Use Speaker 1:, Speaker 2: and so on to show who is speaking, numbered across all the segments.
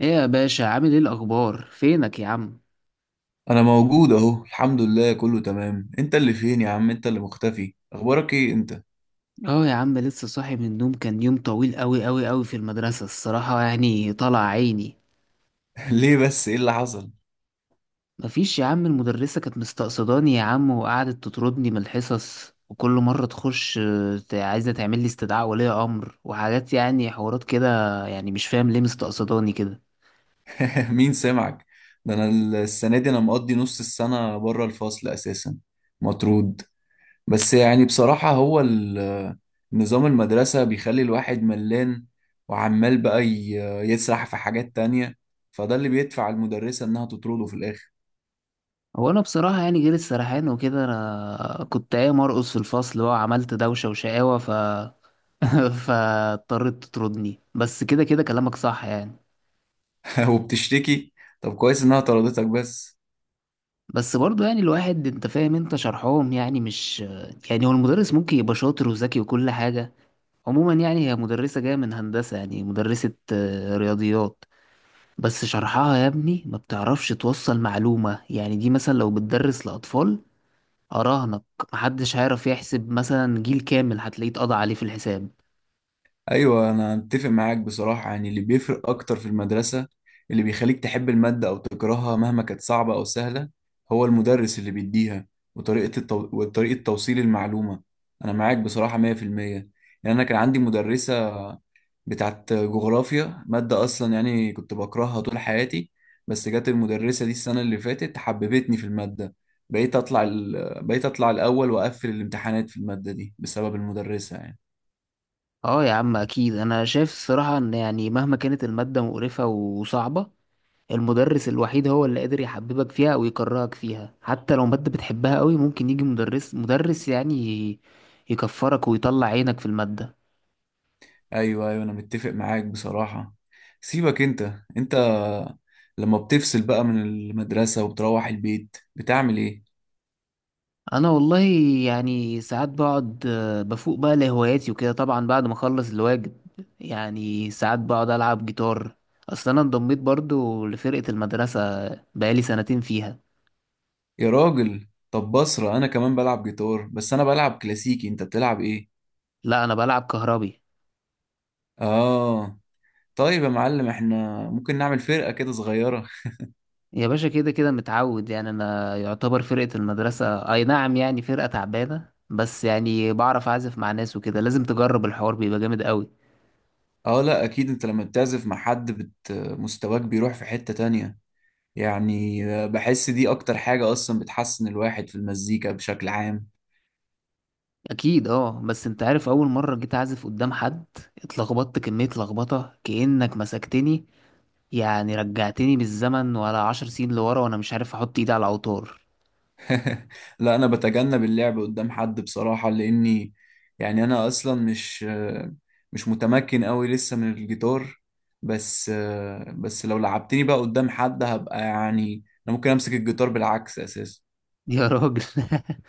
Speaker 1: ايه يا باشا؟ عامل ايه؟ الاخبار؟ فينك يا عم؟
Speaker 2: انا موجود اهو، الحمد لله كله تمام. انت اللي فين يا عم؟ انت اللي مختفي. اخبارك ايه انت؟
Speaker 1: اه يا عم، لسه صاحي من النوم. كان يوم طويل قوي قوي قوي في المدرسة. الصراحة طلع عيني.
Speaker 2: ليه بس؟ ايه اللي حصل؟
Speaker 1: مفيش يا عم، المدرسة كانت مستقصداني يا عم، وقعدت تطردني من الحصص، وكل مرة تخش عايزة تعمل لي استدعاء ولي امر وحاجات، يعني حوارات كده. يعني مش فاهم ليه مستقصداني كده.
Speaker 2: مين سمعك؟ ده انا السنه دي انا مقضي نص السنه بره الفصل اساسا، مطرود. بس يعني بصراحه هو نظام المدرسه بيخلي الواحد ملان، وعمال بقى يسرح في حاجات تانية، فده اللي بيدفع المدرسه انها تطرده في الاخر.
Speaker 1: هو انا بصراحة يعني غير السرحان وكده، انا كنت قايم ارقص في الفصل بقى، وعملت دوشة وشقاوة فاضطرت تطردني، بس كده كده كلامك صح يعني.
Speaker 2: وبتشتكي؟ طب كويس انها طردتك بس.
Speaker 1: بس برضو يعني الواحد، انت فاهم، انت شرحهم يعني مش، يعني هو المدرس ممكن يبقى شاطر وذكي وكل حاجة. عموما يعني هي مدرسة جاية من هندسة، يعني مدرسة رياضيات، بس شرحها يا ابني ما بتعرفش توصل معلومة. يعني دي مثلا لو بتدرس لأطفال، أراهنك محدش هيعرف يحسب. مثلا جيل كامل هتلاقيه اتقضى عليه في الحساب.
Speaker 2: ايوه انا اتفق معاك بصراحه، يعني اللي بيفرق اكتر في المدرسه، اللي بيخليك تحب الماده او تكرهها مهما كانت صعبه او سهله هو المدرس اللي بيديها وطريقه توصيل المعلومه. انا معاك بصراحه 100%. يعني انا كان عندي مدرسه بتاعت جغرافيا، ماده اصلا يعني كنت بكرهها طول حياتي، بس جت المدرسه دي السنه اللي فاتت حببتني في الماده، بقيت اطلع الاول واقفل الامتحانات في الماده دي بسبب المدرسه يعني.
Speaker 1: اه يا عم اكيد، انا شايف الصراحة ان يعني مهما كانت المادة مقرفة وصعبة، المدرس الوحيد هو اللي قادر يحببك فيها او يكرهك فيها. حتى لو مادة بتحبها قوي ممكن يجي مدرس يكفرك ويطلع عينك في المادة.
Speaker 2: ايوه ايوه انا متفق معاك بصراحة. سيبك انت، انت لما بتفصل بقى من المدرسة وبتروح البيت بتعمل ايه؟
Speaker 1: انا والله يعني ساعات بقعد، بفوق بقى لهواياتي وكده، طبعا بعد ما اخلص الواجب. يعني ساعات بقعد العب جيتار. اصل انا انضميت برضو لفرقة المدرسة، بقالي 2 سنين فيها.
Speaker 2: يا راجل طب بصرة انا كمان بلعب جيتار، بس انا بلعب كلاسيكي. انت بتلعب ايه؟
Speaker 1: لا انا بلعب كهربي.
Speaker 2: اه طيب يا معلم، احنا ممكن نعمل فرقة كده صغيرة.
Speaker 1: يا باشا كده كده متعود. يعني انا يعتبر فرقة المدرسة اي نعم يعني فرقة تعبانة، بس يعني بعرف اعزف مع ناس وكده. لازم تجرب، الحوار بيبقى جامد قوي.
Speaker 2: اه لا اكيد، انت لما بتعزف مع حد مستواك بيروح في حتة تانية. يعني بحس دي اكتر حاجة اصلا بتحسن الواحد في المزيكا بشكل عام.
Speaker 1: اكيد اه، بس انت عارف اول مرة جيت اعزف قدام حد اتلخبطت كمية لخبطة كأنك مسكتني، يعني رجعتني بالزمن ولا 10 سنين لورا، وانا مش عارف احط ايدي على الاوتار.
Speaker 2: لا انا بتجنب اللعب قدام حد بصراحة، لاني يعني انا اصلا مش متمكن قوي لسه من الجيتار. بس لو لعبتني بقى قدام حد هبقى يعني انا ممكن امسك الجيتار بالعكس اساسا.
Speaker 1: يا راجل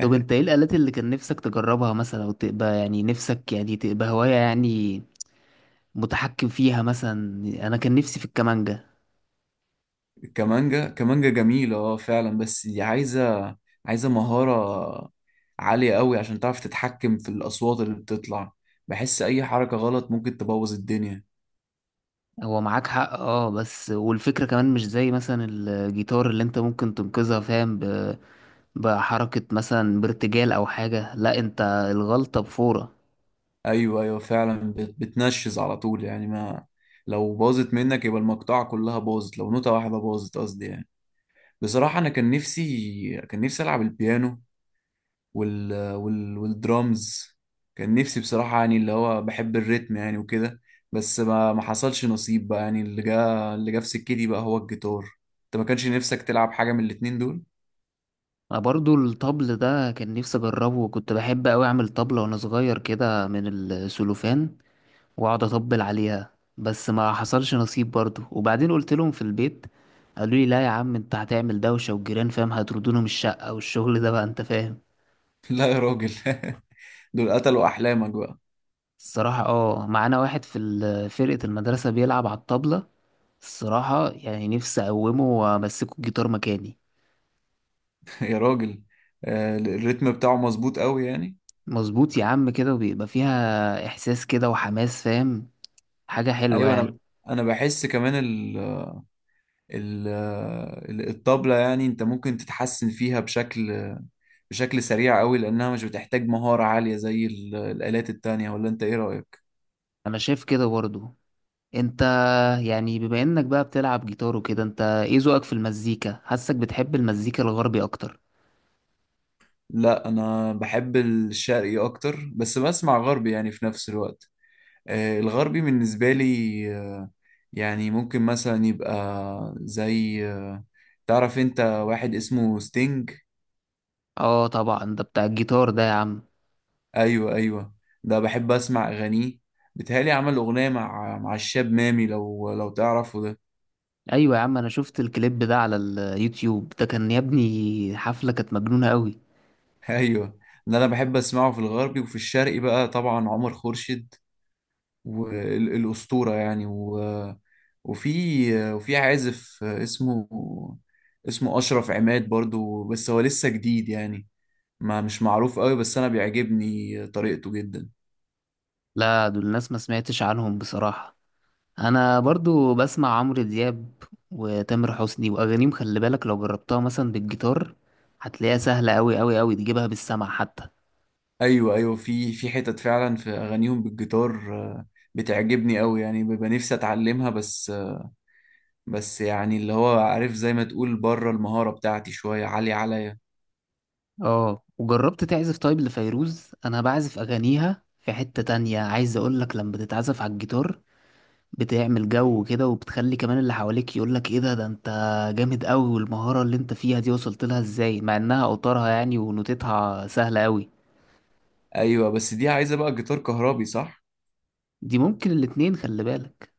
Speaker 1: طب انت ايه الآلات اللي كان نفسك تجربها مثلا، او تبقى يعني نفسك يعني تبقى هواية يعني متحكم فيها مثلا؟ انا كان نفسي في الكمانجة.
Speaker 2: الكمانجا كمانجا جميلة اه فعلا، بس دي عايزة مهارة عالية قوي عشان تعرف تتحكم في الاصوات اللي بتطلع. بحس اي حركة غلط ممكن تبوظ الدنيا.
Speaker 1: هو معاك حق اه، بس والفكرة كمان مش زي مثلا الجيتار اللي انت ممكن تنقذها، فاهم، بحركة مثلا بارتجال او حاجة. لا، انت الغلطة بفورة.
Speaker 2: ايوه ايوه فعلا بتنشز على طول، يعني ما لو باظت منك يبقى المقطعه كلها باظت، لو نوتة واحده باظت قصدي يعني. بصراحه انا كان نفسي العب البيانو والدرامز. كان نفسي بصراحه يعني اللي هو بحب الريتم يعني وكده، بس ما حصلش نصيب بقى. يعني اللي جا في سكتي بقى هو الجيتار. انت ما كانش نفسك تلعب حاجه من الاتنين دول؟
Speaker 1: انا برضو الطبل ده كان نفسي اجربه. كنت بحب اوي اعمل طبلة وانا صغير كده من السلوفان واقعد اطبل عليها، بس ما حصلش نصيب برضو. وبعدين قلت لهم في البيت قالوا لي لا يا عم انت هتعمل دوشة، والجيران، فاهم، هيطردونا من الشقة، والشغل ده بقى، انت فاهم.
Speaker 2: لا يا راجل دول قتلوا احلامك بقى.
Speaker 1: الصراحة اه، معانا واحد في فرقة المدرسة بيلعب على الطبلة. الصراحة يعني نفسي أقومه وأمسكه الجيتار مكاني.
Speaker 2: يا راجل، الريتم بتاعه مظبوط قوي يعني.
Speaker 1: مظبوط يا عم كده، وبيبقى فيها إحساس كده وحماس، فاهم، حاجة حلوة
Speaker 2: ايوه
Speaker 1: يعني.
Speaker 2: انا بحس كمان ال ال الطبلة يعني انت ممكن تتحسن فيها بشكل سريع قوي لانها مش بتحتاج مهارة عالية زي الآلات التانية. ولا انت ايه رأيك؟
Speaker 1: أنا شايف كده برضو. أنت يعني بما إنك بقى بتلعب جيتار وكده، أنت إيه ذوقك في المزيكا؟ حاسك بتحب المزيكا الغربي أكتر.
Speaker 2: لا انا بحب الشرقي اكتر، بس بسمع غربي يعني في نفس الوقت. الغربي بالنسبة لي آه، يعني ممكن مثلا يبقى زي تعرف انت واحد اسمه ستينج؟
Speaker 1: اه طبعا، ده بتاع الجيتار ده يا عم.
Speaker 2: ايوه ايوه. ده بحب اسمع اغانيه. بيتهيألي عمل اغنيه مع الشاب مامي لو تعرفه ده.
Speaker 1: أيوة يا عم، أنا شفت الكليب ده على اليوتيوب، ده كان يا ابني حفلة كانت مجنونة أوي.
Speaker 2: ايوه. ده انا بحب اسمعه في الغربي، وفي الشرقي بقى طبعا عمر خورشيد والاسطوره يعني وفي عازف اسمه اشرف عماد برضو، بس هو لسه جديد يعني، ما مش معروف قوي، بس انا بيعجبني طريقته جدا.
Speaker 1: لا دول الناس ما سمعتش عنهم بصراحة. انا برضو بسمع عمرو دياب وتامر حسني. واغانيهم خلي بالك، لو جربتها مثلا بالجيتار هتلاقيها سهلة قوي قوي قوي، تجيبها بالسمع حتى.
Speaker 2: ايوه ايوه في حتت فعلا في اغانيهم بالجيتار، بتعجبني قوي يعني، ببقى نفسي اتعلمها، بس بس يعني اللي هو عارف زي ما تقول بره المهارة بتاعتي شوية عالية عليا.
Speaker 1: اه، وجربت تعزف طيب لفيروز؟ انا بعزف اغانيها، في حتة تانية عايز اقولك. لما بتتعزف على الجيتار بتعمل جو كده، وبتخلي كمان اللي حواليك يقولك ايه ده، ده انت جامد قوي، والمهارة اللي انت فيها دي وصلت لها ازاي، مع انها اوتارها يعني ونوتتها سهلة قوي.
Speaker 2: ايوه بس دي عايزة بقى جيتار كهربي صح؟
Speaker 1: دي ممكن الاتنين، خلي بالك.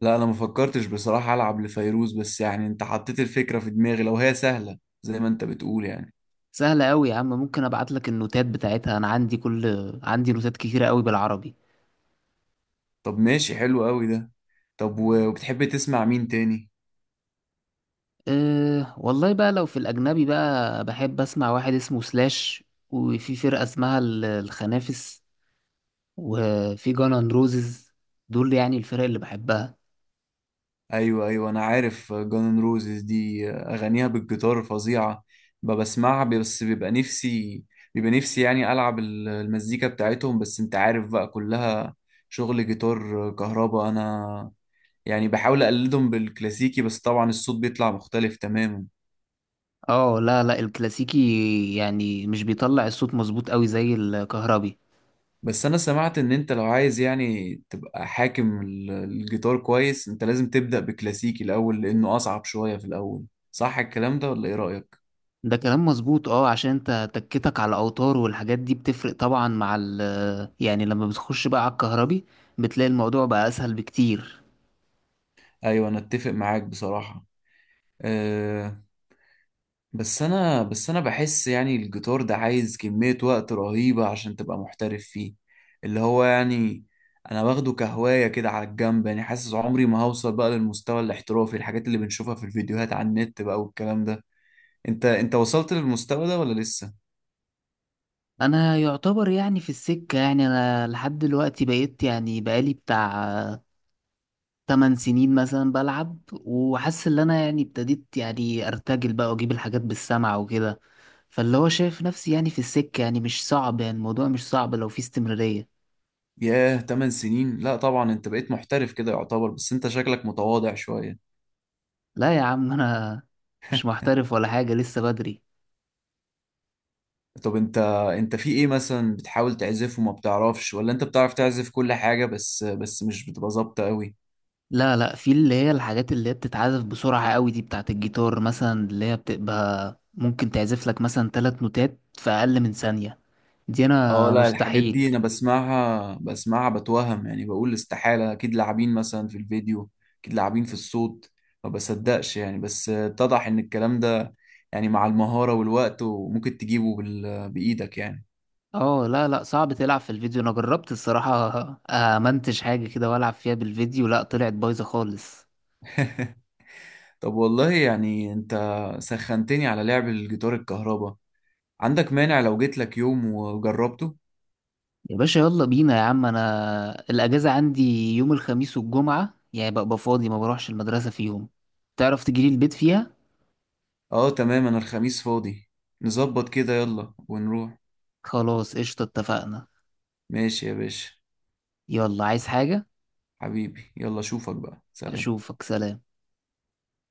Speaker 2: لا انا ما فكرتش بصراحة العب لفيروز، بس يعني انت حطيت الفكرة في دماغي لو هي سهلة زي ما انت بتقول يعني.
Speaker 1: سهلة أوي يا عم، ممكن أبعت لك النوتات بتاعتها. أنا عندي كل، عندي نوتات كتيرة أوي بالعربي.
Speaker 2: طب ماشي حلو قوي ده. طب وبتحب تسمع مين تاني؟
Speaker 1: أه والله بقى، لو في الأجنبي بقى بحب أسمع واحد اسمه سلاش، وفي فرقة اسمها الخنافس، وفي جانان روزز. دول يعني الفرق اللي بحبها.
Speaker 2: ايوه ايوه انا عارف جانن روزز دي اغانيها بالجيتار فظيعه. بسمعها، بس بيبقى نفسي يعني العب المزيكا بتاعتهم، بس انت عارف بقى كلها شغل جيتار كهربا. انا يعني بحاول اقلدهم بالكلاسيكي بس طبعا الصوت بيطلع مختلف تماما.
Speaker 1: اه لا لا، الكلاسيكي يعني مش بيطلع الصوت مظبوط أوي زي الكهربي.
Speaker 2: بس انا سمعت ان انت لو عايز يعني تبقى حاكم الجيتار كويس انت لازم تبدأ بكلاسيكي الاول لانه اصعب شويه في الاول. صح الكلام ده ولا ايه رأيك؟
Speaker 1: ده كلام مظبوط اه، عشان انت تكتك على اوتار، والحاجات دي بتفرق طبعا مع ال، يعني لما بتخش بقى على الكهربي بتلاقي الموضوع بقى اسهل بكتير.
Speaker 2: ايوه انا اتفق معاك بصراحه. أه بس انا بحس يعني الجيتار ده عايز كمية وقت رهيبة عشان تبقى محترف فيه. اللي هو يعني انا واخده كهواية كده على الجنب، يعني حاسس عمري ما هوصل بقى للمستوى الاحترافي الحاجات اللي بنشوفها في الفيديوهات على النت بقى والكلام ده. انت وصلت للمستوى ده ولا لسه؟
Speaker 1: انا يعتبر يعني في السكة، يعني انا لحد دلوقتي بقيت، يعني بقالي بتاع 8 سنين مثلا بلعب، وحاسس ان انا يعني ابتديت يعني ارتجل بقى، واجيب الحاجات بالسمع وكده. فاللي هو شايف نفسي يعني في السكة، يعني مش صعب، يعني الموضوع مش صعب لو في استمرارية.
Speaker 2: ياه 8 سنين، لا طبعا انت بقيت محترف كده يعتبر، بس انت شكلك متواضع شوية.
Speaker 1: لا يا عم، انا مش محترف ولا حاجة، لسه بدري.
Speaker 2: طب انت في ايه مثلا بتحاول تعزفه وما بتعرفش؟ ولا انت بتعرف تعزف كل حاجة بس مش بتبقى ظابطة قوي؟
Speaker 1: لا لا، في اللي هي الحاجات اللي هي بتتعزف بسرعة قوي دي بتاعة الجيتار، مثلا اللي هي بتبقى ممكن تعزف لك مثلا 3 نوتات في أقل من ثانية، دي
Speaker 2: اه
Speaker 1: أنا
Speaker 2: لا الحاجات
Speaker 1: مستحيل.
Speaker 2: دي انا بسمعها بتوهم، يعني بقول استحالة اكيد لاعبين مثلا في الفيديو، اكيد لاعبين في الصوت، ما بصدقش يعني. بس اتضح ان الكلام ده يعني مع المهارة والوقت، وممكن تجيبه بإيدك يعني.
Speaker 1: اه لا لا، صعب تلعب في الفيديو. أنا جربت الصراحة أمنتج حاجة كده وألعب فيها بالفيديو، لا طلعت بايظة خالص.
Speaker 2: طب والله يعني انت سخنتني على لعب الجيتار الكهرباء. عندك مانع لو جيت لك يوم وجربته؟
Speaker 1: يا باشا يلا بينا يا عم. أنا الأجازة عندي يوم الخميس والجمعة، يعني ببقى فاضي ما بروحش المدرسة فيهم. تعرف تجيلي البيت فيها؟
Speaker 2: اه تمام انا الخميس فاضي. نظبط كده يلا ونروح.
Speaker 1: خلاص قشطة، اتفقنا.
Speaker 2: ماشي يا باشا.
Speaker 1: يلا، عايز حاجة؟
Speaker 2: حبيبي يلا اشوفك بقى، سلام.
Speaker 1: أشوفك، سلام.